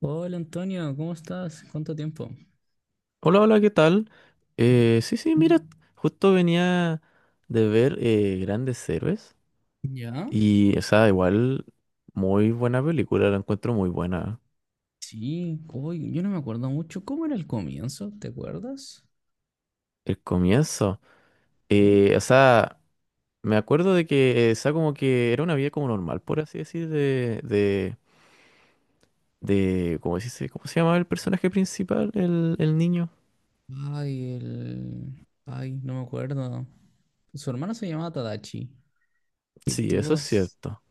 Hola Antonio, ¿cómo estás? ¿Cuánto tiempo? Hola, hola, ¿qué tal? Sí, sí, mira, justo venía de ver Grandes Héroes ¿Ya? y, o sea, igual, muy buena película, la encuentro muy buena. Sí, uy, yo no me acuerdo mucho. ¿Cómo era el comienzo? ¿Te acuerdas? El comienzo, ¿Eh? O sea, me acuerdo de que, o sea, como que era una vida como normal, por así decir, de, ¿cómo se dice? ¿Cómo se llamaba el personaje principal, el niño? Ay, no me acuerdo. Su hermano se llamaba Tadachi. y El Sí, eso tipo es s- cierto.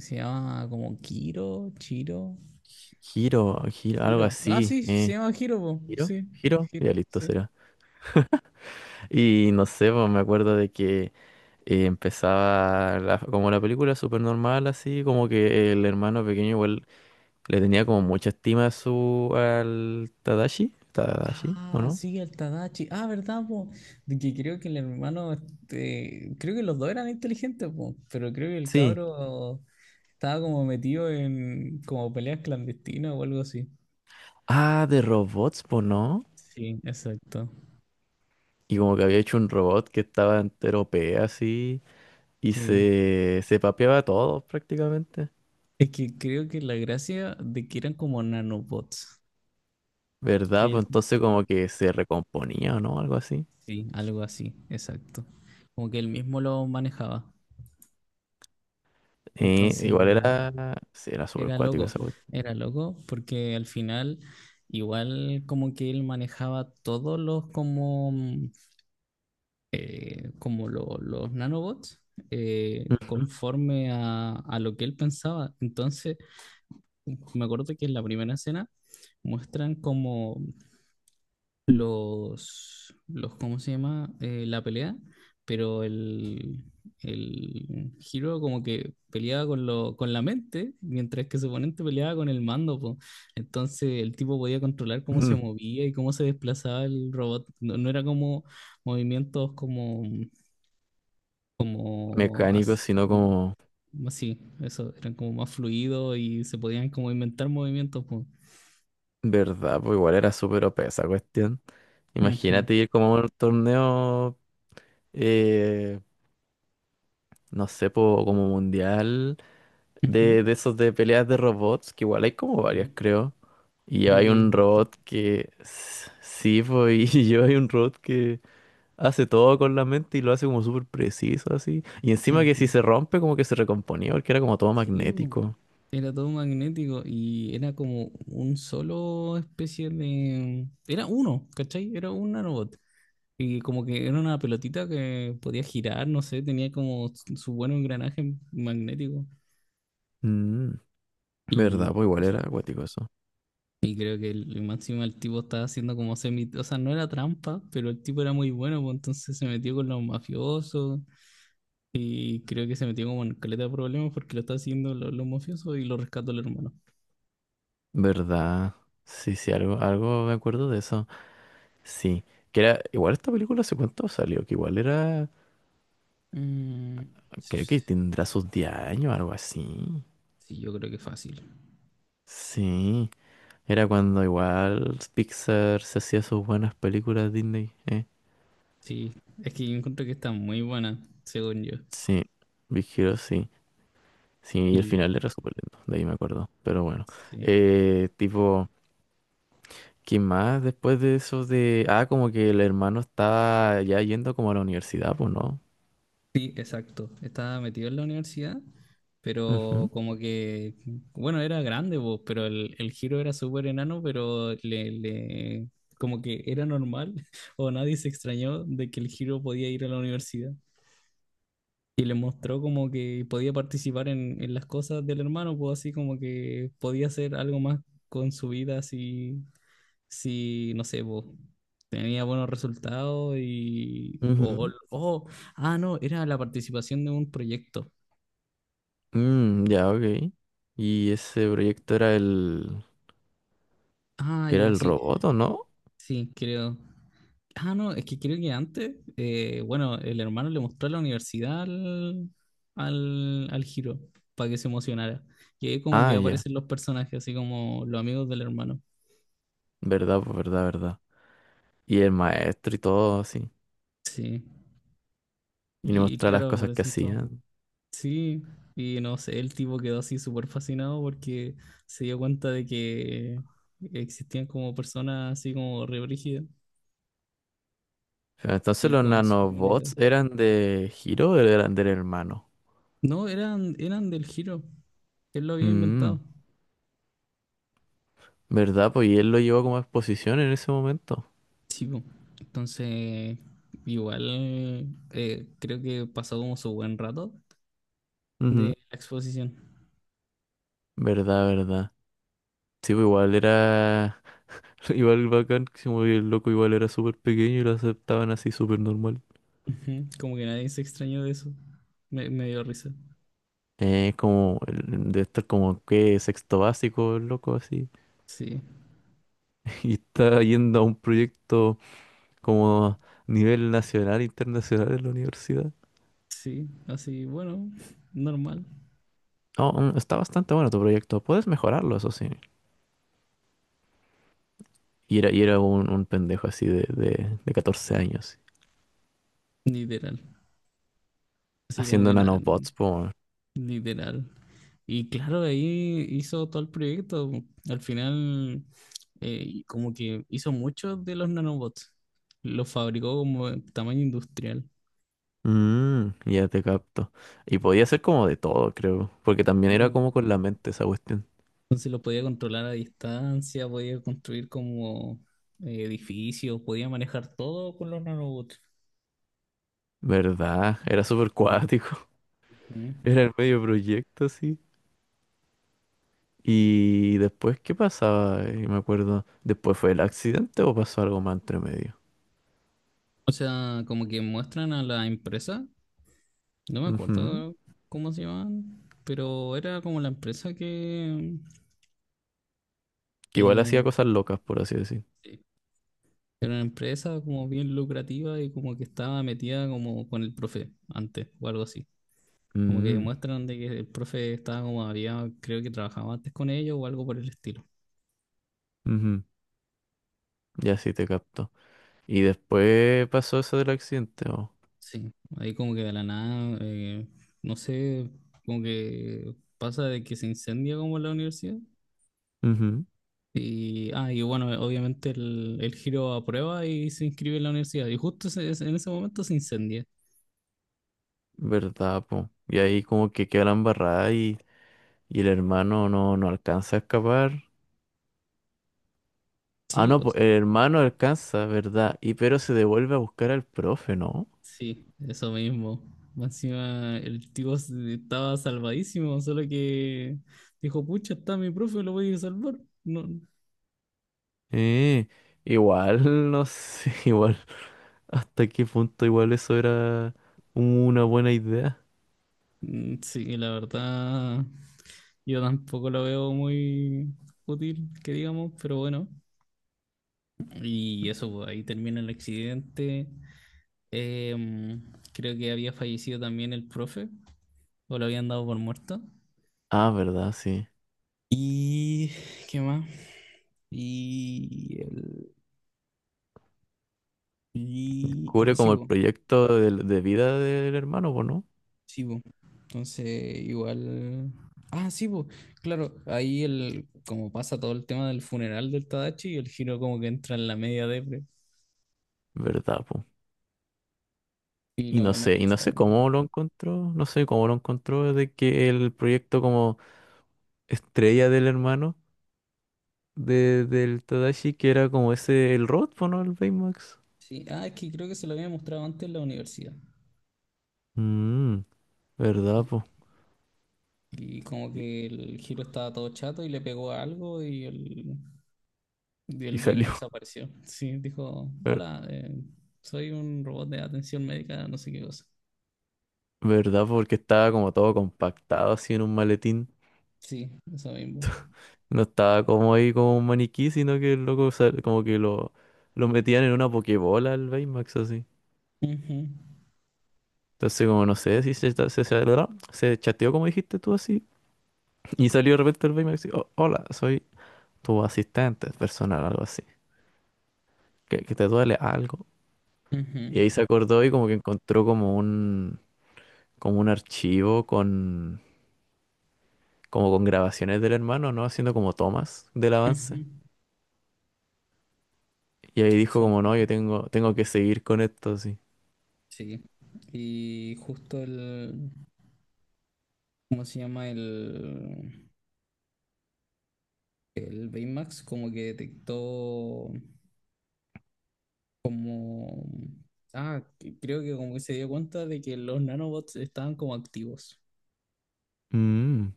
se llamaba como Kiro, Chiro, Giro, giro, algo Hiro. Ah, así. sí, se Eh, llama Hiro, po. ¿Giro? Sí, ¿Giro? Hiro, Ya listo sí. será. Y no sé, pues me acuerdo de que empezaba como la película súper normal, así como que el hermano pequeño igual le tenía como mucha estima a su al Tadashi, Tadashi, ¿o Ah, no? sí, el Tadachi. Ah, ¿verdad, po? De que creo que el hermano, creo que los dos eran inteligentes, po, pero creo que el Sí. cabro estaba como metido en como peleas clandestinas o algo así. Ah, de robots, pues no. Sí, exacto. Y como que había hecho un robot que estaba entero P así y Sí. se papeaba a todos prácticamente. Es que creo que la gracia de que eran como nanobots. ¿Verdad? Que él, Pues entonces como que se recomponía, ¿no? Algo así. sí, algo así, exacto. Como que él mismo lo manejaba. Entonces, Igual o- era, sí, era súper era cuático loco, esa cuestión. era loco, porque al final, igual como que él manejaba todos los como, como los nanobots conforme a lo que él pensaba. Entonces, me acuerdo que en la primera escena muestran como los ¿cómo se llama? La pelea, pero el Hiro como que peleaba con con la mente, mientras que su oponente peleaba con el mando, po. Entonces el tipo podía controlar cómo se movía y cómo se desplazaba el robot. No, no era como movimientos como, como Mecánico, as- sino como así, eso, eran como más fluidos y se podían como inventar movimientos, po. verdad, pues igual era súper OP esa cuestión. Ujú. Imagínate ir como a un torneo, eh, no sé, po, como mundial, Ujú. De esos de peleas de robots, que igual hay como varias, Sí. creo. Y Creo hay que es un verdad. robot que, sí, pues, y yo hay un robot que hace todo con la mente y lo hace como súper preciso, así. Y encima que Ujú. si se rompe, como que se recomponía, porque era como todo Sí, bu. magnético. Era todo magnético y era como un solo especie de... Era uno, ¿cachai? Era un nanobot. Y como que era una pelotita que podía girar, no sé, tenía como su buen engranaje magnético. Mm, Verdad, Y pues igual eso. era acuático eso. Y creo que el máximo el tipo estaba haciendo como semi. O sea, no era trampa, pero el tipo era muy bueno, pues entonces se metió con los mafiosos. Y creo que se metió como en caleta de problemas porque lo está haciendo los mafiosos y lo rescató el hermano. ¿Verdad? Sí, sí, algo, algo me acuerdo de eso. Sí, que era, igual esta película hace cuánto salió, que igual era, Mm, creo sí, que tendrá sus 10 años, algo así. yo creo que fácil. Sí, era cuando igual Pixar se hacía sus buenas películas Disney, ¿eh? Sí, es que yo encuentro que está muy buena, según yo. Sí, Big Hero, sí. Sí, y el Y final era súper lindo, de ahí me acuerdo. Pero bueno, sí, tipo, ¿qué más después de eso de... Ah, como que el hermano estaba ya yendo como a la universidad, pues, ¿no? sí, exacto. Estaba metido en la universidad, pero Ujú, como que, bueno, era grande, vos, pero el giro era súper enano, pero le, como que era normal o nadie se extrañó de que el giro podía ir a la universidad. Y le mostró como que podía participar en las cosas del hermano, pues así como que podía hacer algo más con su vida si, si no sé, pues, tenía buenos resultados y... o ujú. o- Ah, no, era la participación de un proyecto. Mm, ya, ok. Y ese proyecto era el... Ah, ¿Era ya, el sí, robot o no? sí, creo. Ah, no, es que creo que antes, bueno, el hermano le mostró a la universidad al Hiro para que se emocionara. Y ahí como Ah, que ya. aparecen los personajes, así como los amigos del hermano. Verdad, pues verdad, verdad. Y el maestro y todo así. Sí, Y le y mostraba las claro, cosas que aparecen todos. hacían. Sí, y no sé, el tipo quedó así súper fascinado porque se dio cuenta de que existían como personas así como re brígidas Pero entonces y los con superhumanidad. nanobots eran de Hiro o eran del hermano. No, eran del giro. Él lo había inventado. Mm, verdad, pues y él lo llevó como a exposición en ese momento. Sí, po. Entonces, igual, creo que pasó como su buen rato de Ujú. la exposición. Verdad, verdad. Sí, pues igual era... Igual bacán, que se movía el loco igual era súper pequeño y lo aceptaban así súper normal. Ujú. Como que nadie se extrañó de eso. Me dio risa. Como, de estar como que sexto básico, loco, así. Sí. Y está yendo a un proyecto como a nivel nacional, internacional en la universidad. Sí, así, bueno, normal, Oh, mm, está bastante bueno tu proyecto. Puedes mejorarlo, eso sí. Y era un pendejo así de 14 años, literal. Así como haciendo que nada, nanobots, po. literal. Y claro, ahí hizo todo el proyecto. Al final, y como que hizo muchos de los nanobots. Los fabricó como en tamaño industrial. Mm, ya te capto. Y podía ser como de todo, creo. Porque también Sí, era bo. como con la mente esa cuestión. Entonces los podía controlar a distancia, podía construir como edificios, podía manejar todo con los nanobots. ¿Verdad? Era súper cuático. Ujú. Era el medio proyecto, así. Y después, ¿qué pasaba? Me acuerdo, ¿después fue el accidente o pasó algo más entre medio? O sea, como que muestran a la empresa. No me Ujú. acuerdo cómo se llamaban, pero era como la empresa que, Que igual hacía que- cosas locas, por así decir. sí, era una empresa como bien lucrativa y como que estaba metida como con el profe antes o algo así. Como que Mm, demuestran de que el profe estaba como había, creo que trabajaba antes con ellos o algo por el estilo. ujú. Ya sí te capto. Y después pasó eso del accidente, ¿o? Sí, ahí como que de la nada, no sé, como que pasa de que se incendia como la universidad. Ujú. Y bueno, obviamente el giro aprueba y se inscribe en la universidad. Y justo en ese momento se incendia. ¿Verdad, po? Y ahí como que queda la embarrada y el hermano no, no alcanza a escapar. Ah, Sí, no, o po, sea, el hermano alcanza, ¿verdad? Y pero se devuelve a buscar al profe, ¿no? sí, eso mismo. Más encima el tipo estaba salvadísimo, solo que dijo, pucha, está mi profe, lo voy a ir a salvar. No, Eh, Igual, no sé, igual. ¿Hasta qué punto igual eso era una buena idea? Sí, la verdad, yo tampoco lo veo muy útil, que digamos, pero bueno. Y eso, pues, ahí termina el accidente. Em, Creo que había fallecido también el profe. ¿O lo habían dado por muerto? Ah, verdad, sí. Y... ¿Qué más? Y... El, Ah, Cubre sí, como el po, proyecto de vida del hermano, pues, ¿no? sí, po. Entonces, igual. Ah, sí, po, claro, ahí como pasa todo el tema del funeral del Tadachi y el giro como que entra en la media depre ¿Verdad, pues? y no quiere Y no saber sé nada. cómo lo encontró, no sé cómo lo encontró de que el proyecto como estrella del hermano de, del Tadashi, que era como ese, el robot, po, ¿no? El Baymax. Sí, ah, es que creo que se lo había mostrado antes en la universidad. Mmm, ¿verdad, po? Y como Y, que el giro estaba todo chato y le pegó a algo. Y y el salió, Baymax apareció. Sí, dijo, ver- hola, soy un robot de atención médica, no sé qué cosa. ¿verdad? ¿Po? Porque estaba como todo compactado así en un maletín. Sí, eso mismo. No estaba como ahí como un maniquí, sino que el loco como que lo metían en una pokebola al Baymax así. Ujú, Entonces como no sé si se, ta- se- ¿verdad? Se chateó como dijiste tú así. Y salió de repente el Baymax y "Oh, hola, soy tu asistente personal", algo así. Que te duele algo. Y ujú, ahí se acordó y como que encontró como un archivo con, como con grabaciones del hermano, ¿no? Haciendo como tomas del ujú. avance. Y ahí dijo Eso como no, yo mismo. tengo, tengo que seguir con esto así. Sí. Y justo ¿cómo se llama? El Baymax como que detectó como. Ah, creo que como que se dio cuenta de que los nanobots estaban como activos. Mm.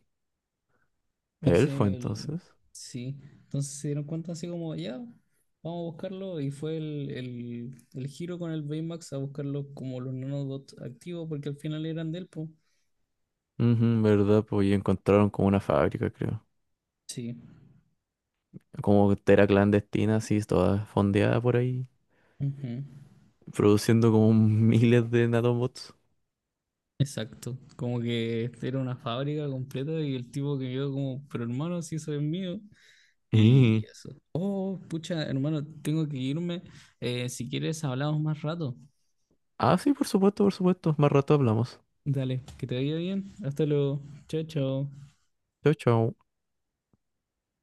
Elfo, Entonces, entonces. sí, entonces se dieron cuenta así como, ya, vamos a buscarlo, y fue el giro con el Baymax a buscarlo como los nanobots activos, porque al final eran del po. Ujú, ¿verdad? Pues y encontraron como una fábrica, creo. Sí, Como tera clandestina, así, toda fondeada por ahí, ujú. produciendo como miles de nanobots. Exacto, como que era una fábrica completa y el tipo que quedó como, pero hermano, si eso es mío, y Y... eso. Oh, pucha, hermano, tengo que irme, si quieres hablamos más rato. Ah, sí, por supuesto, por supuesto. Más rato hablamos. Dale, que te vaya bien, hasta luego, chao, chao. Chao, chao.